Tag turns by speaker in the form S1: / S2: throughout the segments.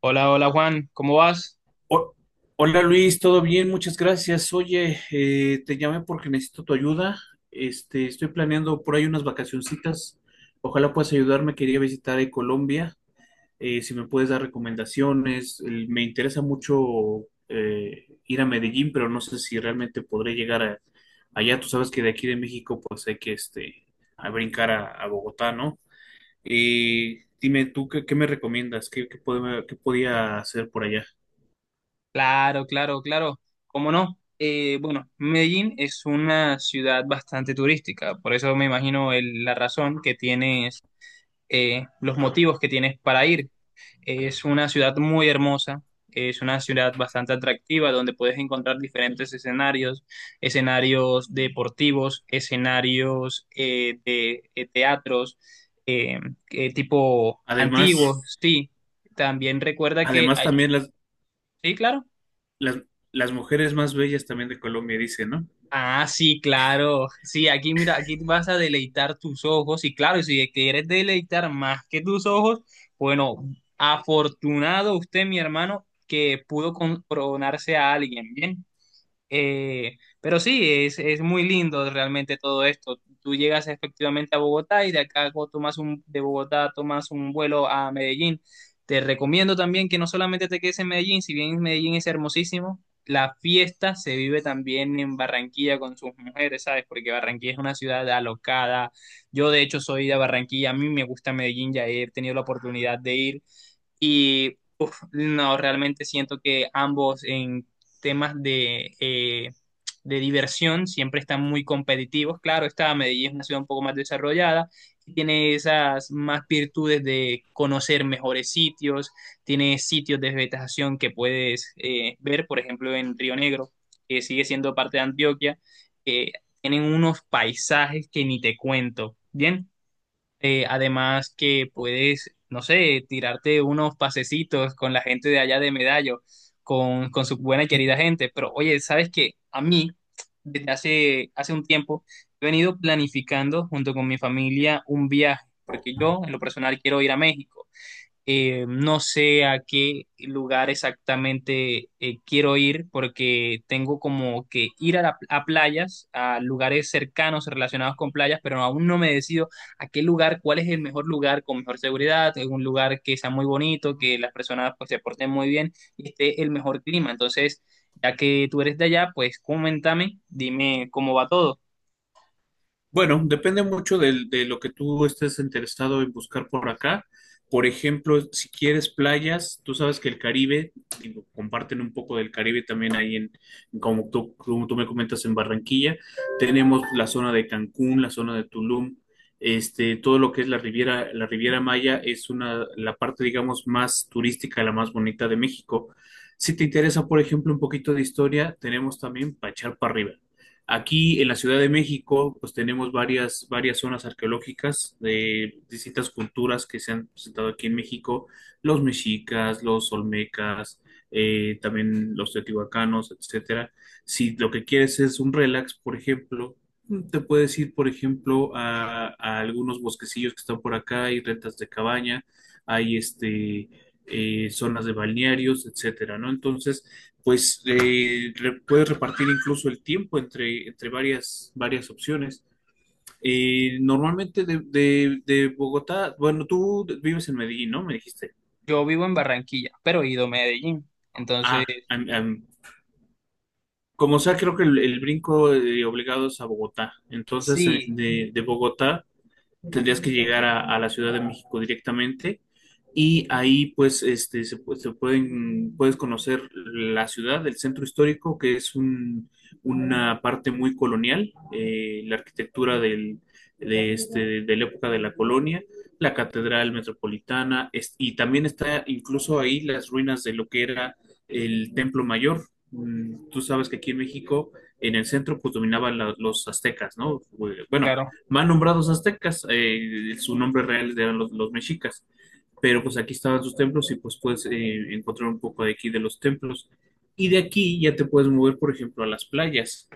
S1: Hola, hola Juan, ¿cómo vas?
S2: Ho- Hola Luis, ¿todo bien? Muchas gracias. Oye, te llamé porque necesito tu ayuda. Estoy planeando por ahí unas vacacioncitas. Ojalá puedas ayudarme. Quería visitar Colombia. Si me puedes dar recomendaciones. Me interesa mucho ir a Medellín, pero no sé si realmente podré llegar allá. Tú sabes que de aquí de México, pues hay que a brincar a Bogotá, ¿no? Dime tú, ¿qué me recomiendas? ¿Qué podía hacer por allá?
S1: Claro, claro, claro, ¿cómo no? Bueno, Medellín es una ciudad bastante turística, por eso me imagino la razón que tienes, los motivos que tienes para ir. Es una ciudad muy hermosa, es una ciudad bastante atractiva donde puedes encontrar diferentes escenarios, escenarios deportivos, escenarios de teatros, eh, tipo
S2: Además.
S1: antiguos, sí. También recuerda que
S2: Además, también
S1: sí, claro.
S2: las, las mujeres más bellas también de Colombia, dice, ¿no?
S1: Ah, sí, claro. Sí, aquí mira, aquí vas a deleitar tus ojos. Y claro, si quieres deleitar más que tus ojos, bueno, afortunado usted, mi hermano, que pudo coronarse a alguien. Bien. Pero sí, es muy lindo realmente todo esto. Tú llegas efectivamente a Bogotá y tomas de Bogotá tomas un vuelo a Medellín. Te recomiendo también que no solamente te quedes en Medellín, si bien Medellín es hermosísimo, la fiesta se vive también en Barranquilla con sus mujeres, ¿sabes? Porque Barranquilla es una ciudad alocada. Yo de hecho soy de Barranquilla, a mí me gusta Medellín, ya he tenido la oportunidad de ir. Y uf, no, realmente siento que ambos en temas de de diversión siempre están muy competitivos. Claro, está Medellín es una ciudad un poco más desarrollada, tiene esas más virtudes de conocer mejores sitios, tiene sitios de vegetación que puedes ver, por ejemplo, en Río Negro, que sigue siendo parte de Antioquia, que tienen unos paisajes que ni te cuento. Bien, además que puedes, no sé, tirarte unos pasecitos con la gente de allá de Medallo, con su buena y querida gente. Pero oye, ¿sabes qué? A mí, hace un tiempo, he venido planificando junto con mi familia un viaje, porque yo en lo personal quiero ir a México. No sé a qué lugar exactamente quiero ir porque tengo como que ir a, a playas, a lugares cercanos relacionados con playas, pero aún no me decido a qué lugar, cuál es el mejor lugar con mejor seguridad, es un lugar que sea muy bonito, que las personas pues, se porten muy bien y esté el mejor clima. Entonces, ya que tú eres de allá, pues coméntame, dime cómo va todo.
S2: Bueno, depende mucho de lo que tú estés interesado en buscar por acá. Por ejemplo, si quieres playas, tú sabes que el Caribe, digo, comparten un poco del Caribe también ahí en, como tú me comentas, en Barranquilla. Tenemos la zona de Cancún, la zona de Tulum, todo lo que es la Riviera Maya es una, la parte, digamos, más turística, la más bonita de México. Si te interesa, por ejemplo, un poquito de historia, tenemos también para echar para arriba. Aquí en la Ciudad de México, pues tenemos varias zonas arqueológicas de distintas culturas que se han presentado aquí en México, los mexicas, los olmecas, también los teotihuacanos, etcétera. Si lo que quieres es un relax, por ejemplo, te puedes ir, por ejemplo, a algunos bosquecillos que están por acá, hay rentas de cabaña, hay zonas de balnearios, etcétera, ¿no? Entonces, pues puedes repartir incluso el tiempo entre varias opciones. Normalmente de Bogotá, bueno, tú vives en Medellín, ¿no? Me dijiste.
S1: Yo vivo en Barranquilla, pero he ido a Medellín. Entonces,
S2: Ah, am- am, como sea, creo que el brinco obligado es a Bogotá. Entonces, eh,
S1: sí,
S2: de, de Bogotá tendrías que llegar a la Ciudad de México directamente y ahí pues este se, pu- se pueden puedes conocer la ciudad, el centro histórico, que es una parte muy colonial, la arquitectura del, de este de la época de la colonia, la catedral metropolitana y también está incluso ahí las ruinas de lo que era el Templo Mayor. Mm, tú sabes que aquí en México, en el centro, pues dominaban los aztecas, ¿no? Bueno,
S1: claro.
S2: mal nombrados aztecas, su nombre real eran los mexicas, pero pues aquí estaban sus templos y pues puedes encontrar un poco de aquí de los templos. Y de aquí ya te puedes mover, por ejemplo, a las playas.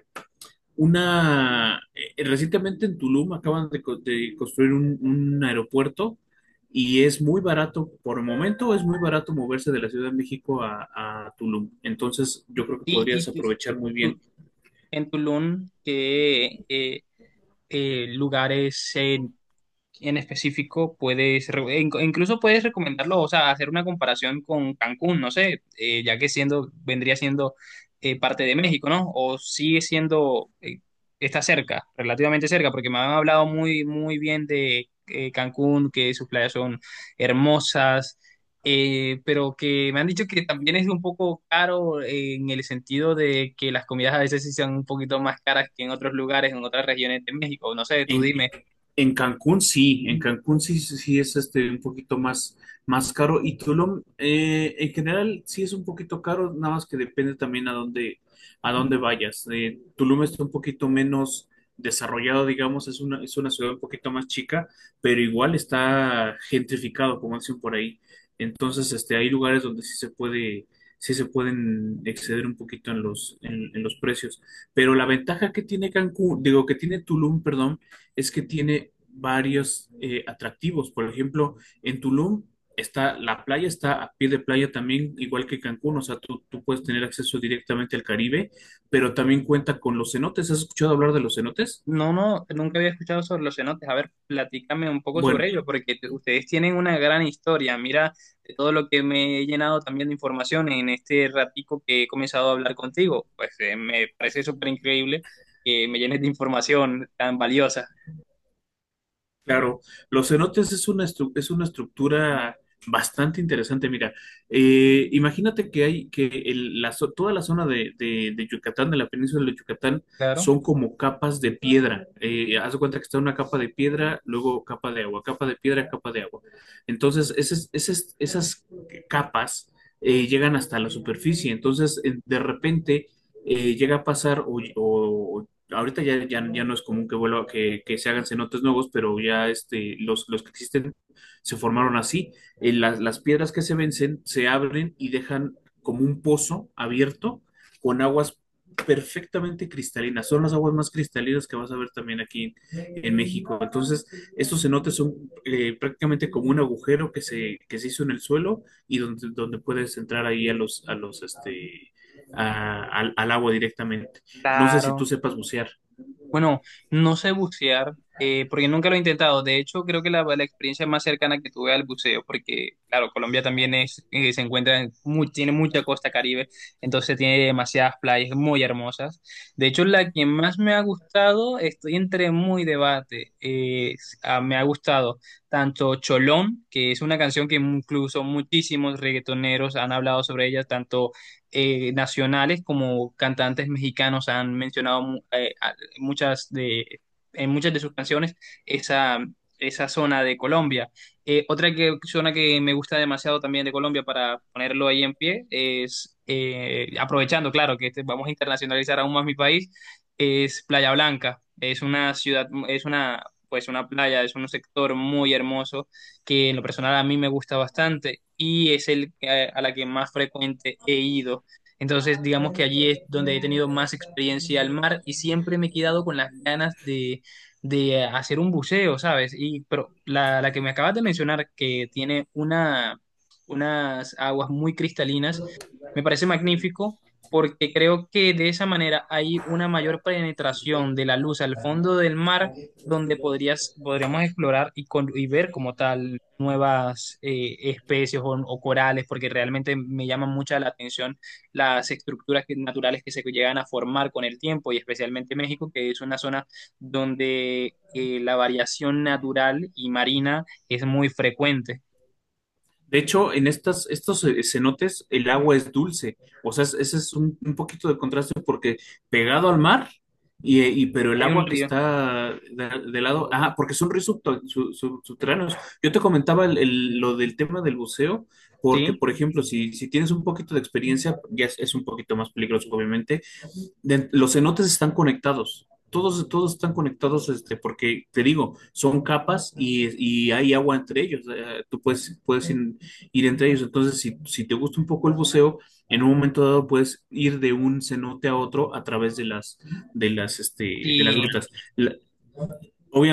S2: Una, recientemente en Tulum acaban de construir un aeropuerto y es muy barato, por el momento es muy barato moverse de la Ciudad de México a Tulum. Entonces yo creo que
S1: Y, y
S2: podrías
S1: tú-
S2: aprovechar muy bien.
S1: tú- en Tulum qué lugares en específico incluso puedes recomendarlo, o sea, hacer una comparación con Cancún, no sé, ya que siendo, vendría siendo parte de México, ¿no? O sigue siendo, está cerca, relativamente cerca, porque me han hablado muy, muy bien de Cancún, que sus playas son hermosas. Pero que me han dicho que también es un poco caro en el sentido de que las comidas a veces sí son un poquito más caras que en otros lugares, en otras regiones de México. No sé, tú
S2: En
S1: dime,
S2: En Cancún sí, en Cancún sí, sí sí es un poquito más, más caro y Tulum en general sí es un poquito caro, nada más que depende también a dónde vayas. Tulum está un poquito menos desarrollado, digamos, es una ciudad un poquito más chica, pero igual está gentrificado, como dicen por ahí. Entonces, hay lugares donde sí se puede, sí se pueden exceder un poquito en los precios. Pero la ventaja que tiene Cancún, digo, que tiene Tulum, perdón, es que tiene varios atractivos. Por ejemplo, en Tulum está la playa, está a pie de playa también, igual que Cancún, o sea, tú puedes tener acceso directamente al Caribe, pero también cuenta con los cenotes. ¿Has escuchado hablar de los cenotes?
S1: no, no, nunca había escuchado sobre los cenotes. A ver, platícame un poco sobre
S2: Bueno,
S1: ello, porque ustedes tienen una gran historia. Mira, de todo lo que me he llenado también de información en este ratico que he comenzado a hablar contigo. Pues me parece súper increíble que me llenes de información tan valiosa.
S2: claro, los cenotes es una estructura bastante interesante. Mira, imagínate que hay que toda la zona de Yucatán, de la península de Yucatán,
S1: Claro.
S2: son como capas de piedra. Haz de cuenta que está una capa de piedra, luego capa de agua, capa de piedra, capa de agua. Entonces, esas capas llegan hasta la superficie. Entonces, de repente llega a pasar o ahorita ya no es común que vuelva, que se hagan cenotes nuevos, pero ya los que existen se formaron así. Las piedras que se vencen se abren y dejan como un pozo abierto con aguas perfectamente cristalinas. Son las aguas más cristalinas que vas a ver también aquí en México. Entonces, estos cenotes son prácticamente como un agujero que se hizo en el suelo y donde puedes entrar ahí a los, este, a- al, al agua directamente. No sé si
S1: Claro.
S2: tú sepas bucear.
S1: Bueno, no sé bucear, porque nunca lo he intentado. De hecho, creo que la experiencia más cercana que tuve al buceo, porque, claro, Colombia también es, se encuentra en tiene mucha costa Caribe, entonces tiene demasiadas playas muy hermosas. De hecho, la que más me ha gustado, estoy entre muy debate. Me ha gustado tanto Cholón, que es una canción que incluso muchísimos reggaetoneros han hablado sobre ella, tanto nacionales como cantantes mexicanos han mencionado muchas de, en muchas de sus canciones esa, esa zona de Colombia. Otra que, zona que me gusta demasiado también de Colombia para ponerlo ahí en pie es, aprovechando, claro, que vamos a internacionalizar aún más mi país, es Playa Blanca. Es una ciudad, es una, pues una playa, es un sector muy hermoso que en lo personal a mí me gusta bastante y es a la que más frecuente he ido entonces, digamos que allí es donde he tenido más experiencia al mar y siempre me he quedado con las ganas de hacer un buceo, ¿sabes? Y, pero la que me acabas de mencionar, que tiene una, unas aguas muy cristalinas, me parece magnífico porque creo que de esa manera hay una mayor penetración de la luz al fondo del mar donde podrías, podríamos explorar y, y ver como tal nuevas especies o corales, porque realmente me llama mucha la atención las estructuras naturales que se llegan a formar con el tiempo y especialmente México, que es una zona donde la variación natural y marina es muy frecuente.
S2: De hecho, en estos cenotes el agua es dulce. O sea, ese es un poquito de contraste porque pegado al mar, y, pero el
S1: Hay un
S2: agua que
S1: río,
S2: está de lado, ah, porque son ríos subterráneos. Yo te comentaba lo del tema del buceo, porque,
S1: ¿sí?
S2: por ejemplo, si tienes un poquito de experiencia, ya es un poquito más peligroso, obviamente, los cenotes están conectados. Todos están conectados, porque te digo, son capas y hay agua entre ellos. Tú puedes ir entre ellos. Entonces, si te gusta un poco el buceo, en un momento dado puedes ir de un cenote a otro a través de de las
S1: Y
S2: grutas. La-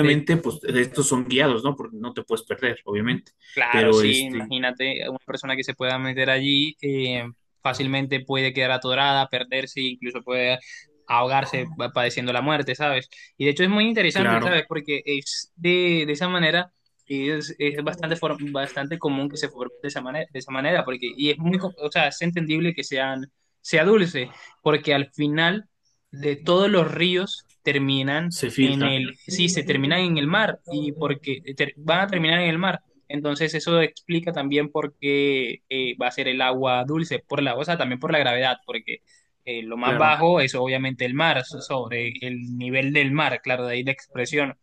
S1: de
S2: pues estos son guiados, ¿no? Porque no te puedes perder, obviamente.
S1: claro,
S2: Pero,
S1: sí, imagínate una persona que se pueda meter allí fácilmente puede quedar atorada, perderse, incluso puede ahogarse padeciendo la muerte, ¿sabes? Y de hecho es muy interesante,
S2: claro,
S1: ¿sabes? Porque es de esa manera y es bastante bastante común que se forme de esa manera, porque y es muy, o sea, es entendible que sea dulce, porque al final de todos los ríos terminan
S2: se
S1: en
S2: filtra,
S1: el, sí, se terminan en el mar y porque van a terminar en el mar entonces eso explica también por qué va a ser el agua dulce, por la, o sea, también por la gravedad, porque lo más
S2: claro.
S1: bajo es obviamente el mar, sobre el nivel del mar, claro, de ahí la expresión.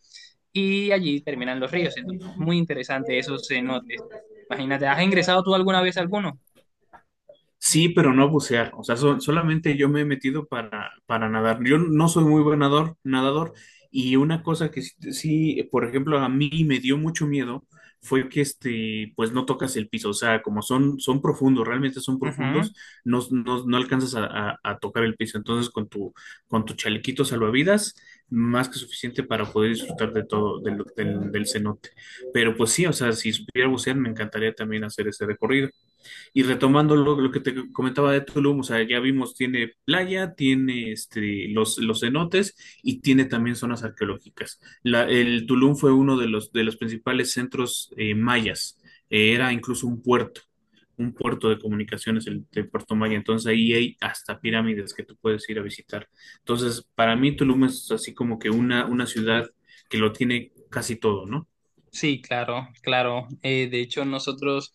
S1: Y allí terminan los ríos. Entonces, muy interesante esos cenotes. Imagínate, ¿has ingresado tú alguna vez a alguno?
S2: Sí, pero no bucear. O sea, solamente yo me he metido para nadar. Yo no soy muy buen nadador. Y una cosa que por ejemplo, a mí me dio mucho miedo fue que pues no tocas el piso. O sea, como son profundos, realmente son
S1: Ujú.
S2: profundos, no alcanzas a tocar el piso. Entonces, con tu chalequito salvavidas, más que suficiente para poder disfrutar de todo, del cenote. Pero pues sí, o sea, si supiera bucear, me encantaría también hacer ese recorrido. Y retomando lo que te comentaba de Tulum, o sea, ya vimos, tiene playa, tiene los cenotes y tiene también zonas arqueológicas. El Tulum fue uno de los principales centros mayas. Era incluso un puerto de comunicaciones, el puerto maya, entonces ahí hay hasta pirámides que tú puedes ir a visitar. Entonces, para mí Tulum es así como que una ciudad que lo tiene casi todo, ¿no?
S1: Sí, claro, claro. De hecho, nosotros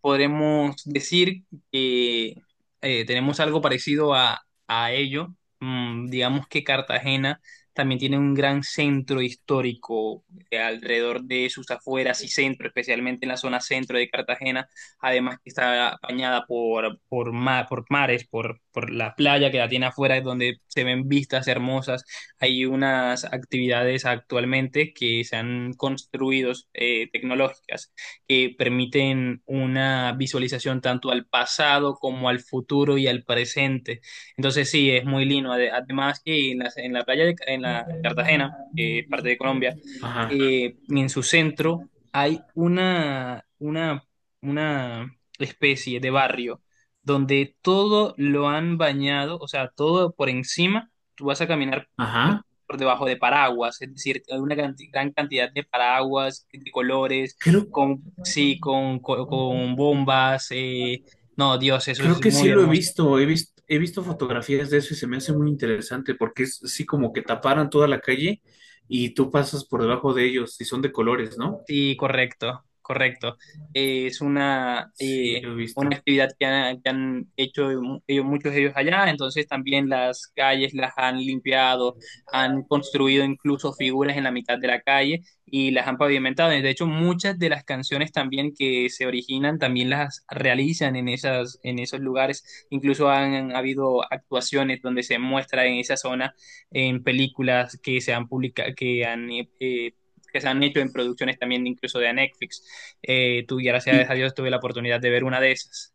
S1: podremos decir que tenemos algo parecido a ello. Mm, digamos que Cartagena también tiene un gran centro histórico alrededor de sus afueras y centro, especialmente en la zona centro de Cartagena, además que está bañada por, por mares, por la playa que la tiene afuera, donde se ven vistas hermosas hay unas actividades actualmente que se han construido tecnológicas que permiten una visualización tanto al pasado como al futuro y al presente. Entonces sí, es muy lindo. Además que en la playa en la en Cartagena, que es parte de Colombia,
S2: Ajá,
S1: en su centro hay una especie de barrio donde todo lo han bañado, o sea, todo por encima. Tú vas a caminar por,
S2: ajá.
S1: por debajo de paraguas, es decir, hay una gran cantidad de paraguas de colores,
S2: Creo
S1: con, sí, con bombas. No, Dios, eso
S2: Creo
S1: es
S2: que sí
S1: muy
S2: lo he
S1: hermoso.
S2: visto, he visto fotografías de eso y se me hace muy interesante porque es así como que taparan toda la calle y tú pasas por debajo de ellos y son de colores, ¿no?
S1: Sí, correcto, correcto. Eh, es una,
S2: Sí,
S1: eh,
S2: lo he
S1: una
S2: visto.
S1: actividad que han hecho muchos de ellos allá, entonces también las calles las han limpiado, han construido incluso figuras en la mitad de la calle y las han pavimentado. De hecho, muchas de las canciones también que se originan también las realizan en esas, en esos lugares. Incluso han habido actuaciones donde se muestra en esa zona en películas que se han publicado, que han que se han hecho en producciones también incluso de Netflix. Tú, gracias
S2: Y,
S1: a Dios, tuve la oportunidad de ver una de esas.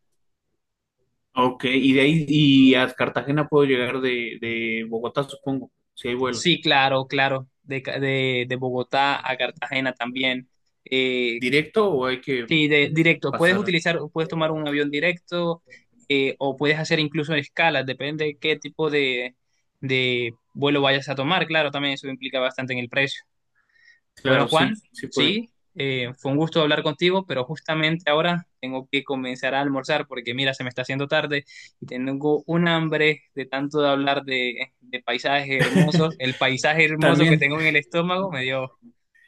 S2: ok, y de ahí y a Cartagena puedo llegar de Bogotá, supongo, si hay vuelos.
S1: Sí, claro, claro, de Bogotá a Cartagena también. Eh,
S2: ¿Directo o hay que
S1: sí, directo, puedes
S2: pasar?
S1: utilizar, puedes tomar un avión directo o puedes hacer incluso escalas, depende de qué tipo de vuelo vayas a tomar, claro, también eso implica bastante en el precio. Bueno,
S2: Claro,
S1: Juan,
S2: sí, sí puede.
S1: sí, fue un gusto hablar contigo, pero justamente ahora tengo que comenzar a almorzar porque mira, se me está haciendo tarde y tengo un hambre de tanto de hablar de paisajes hermosos. El paisaje hermoso que
S2: También,
S1: tengo en el estómago me dio,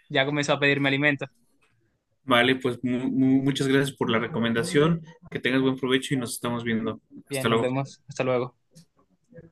S1: ya comenzó a pedirme alimentos.
S2: vale, pues muchas gracias por la recomendación, que tengas buen provecho y nos estamos viendo.
S1: Bien,
S2: Hasta
S1: nos
S2: luego.
S1: vemos. Hasta luego.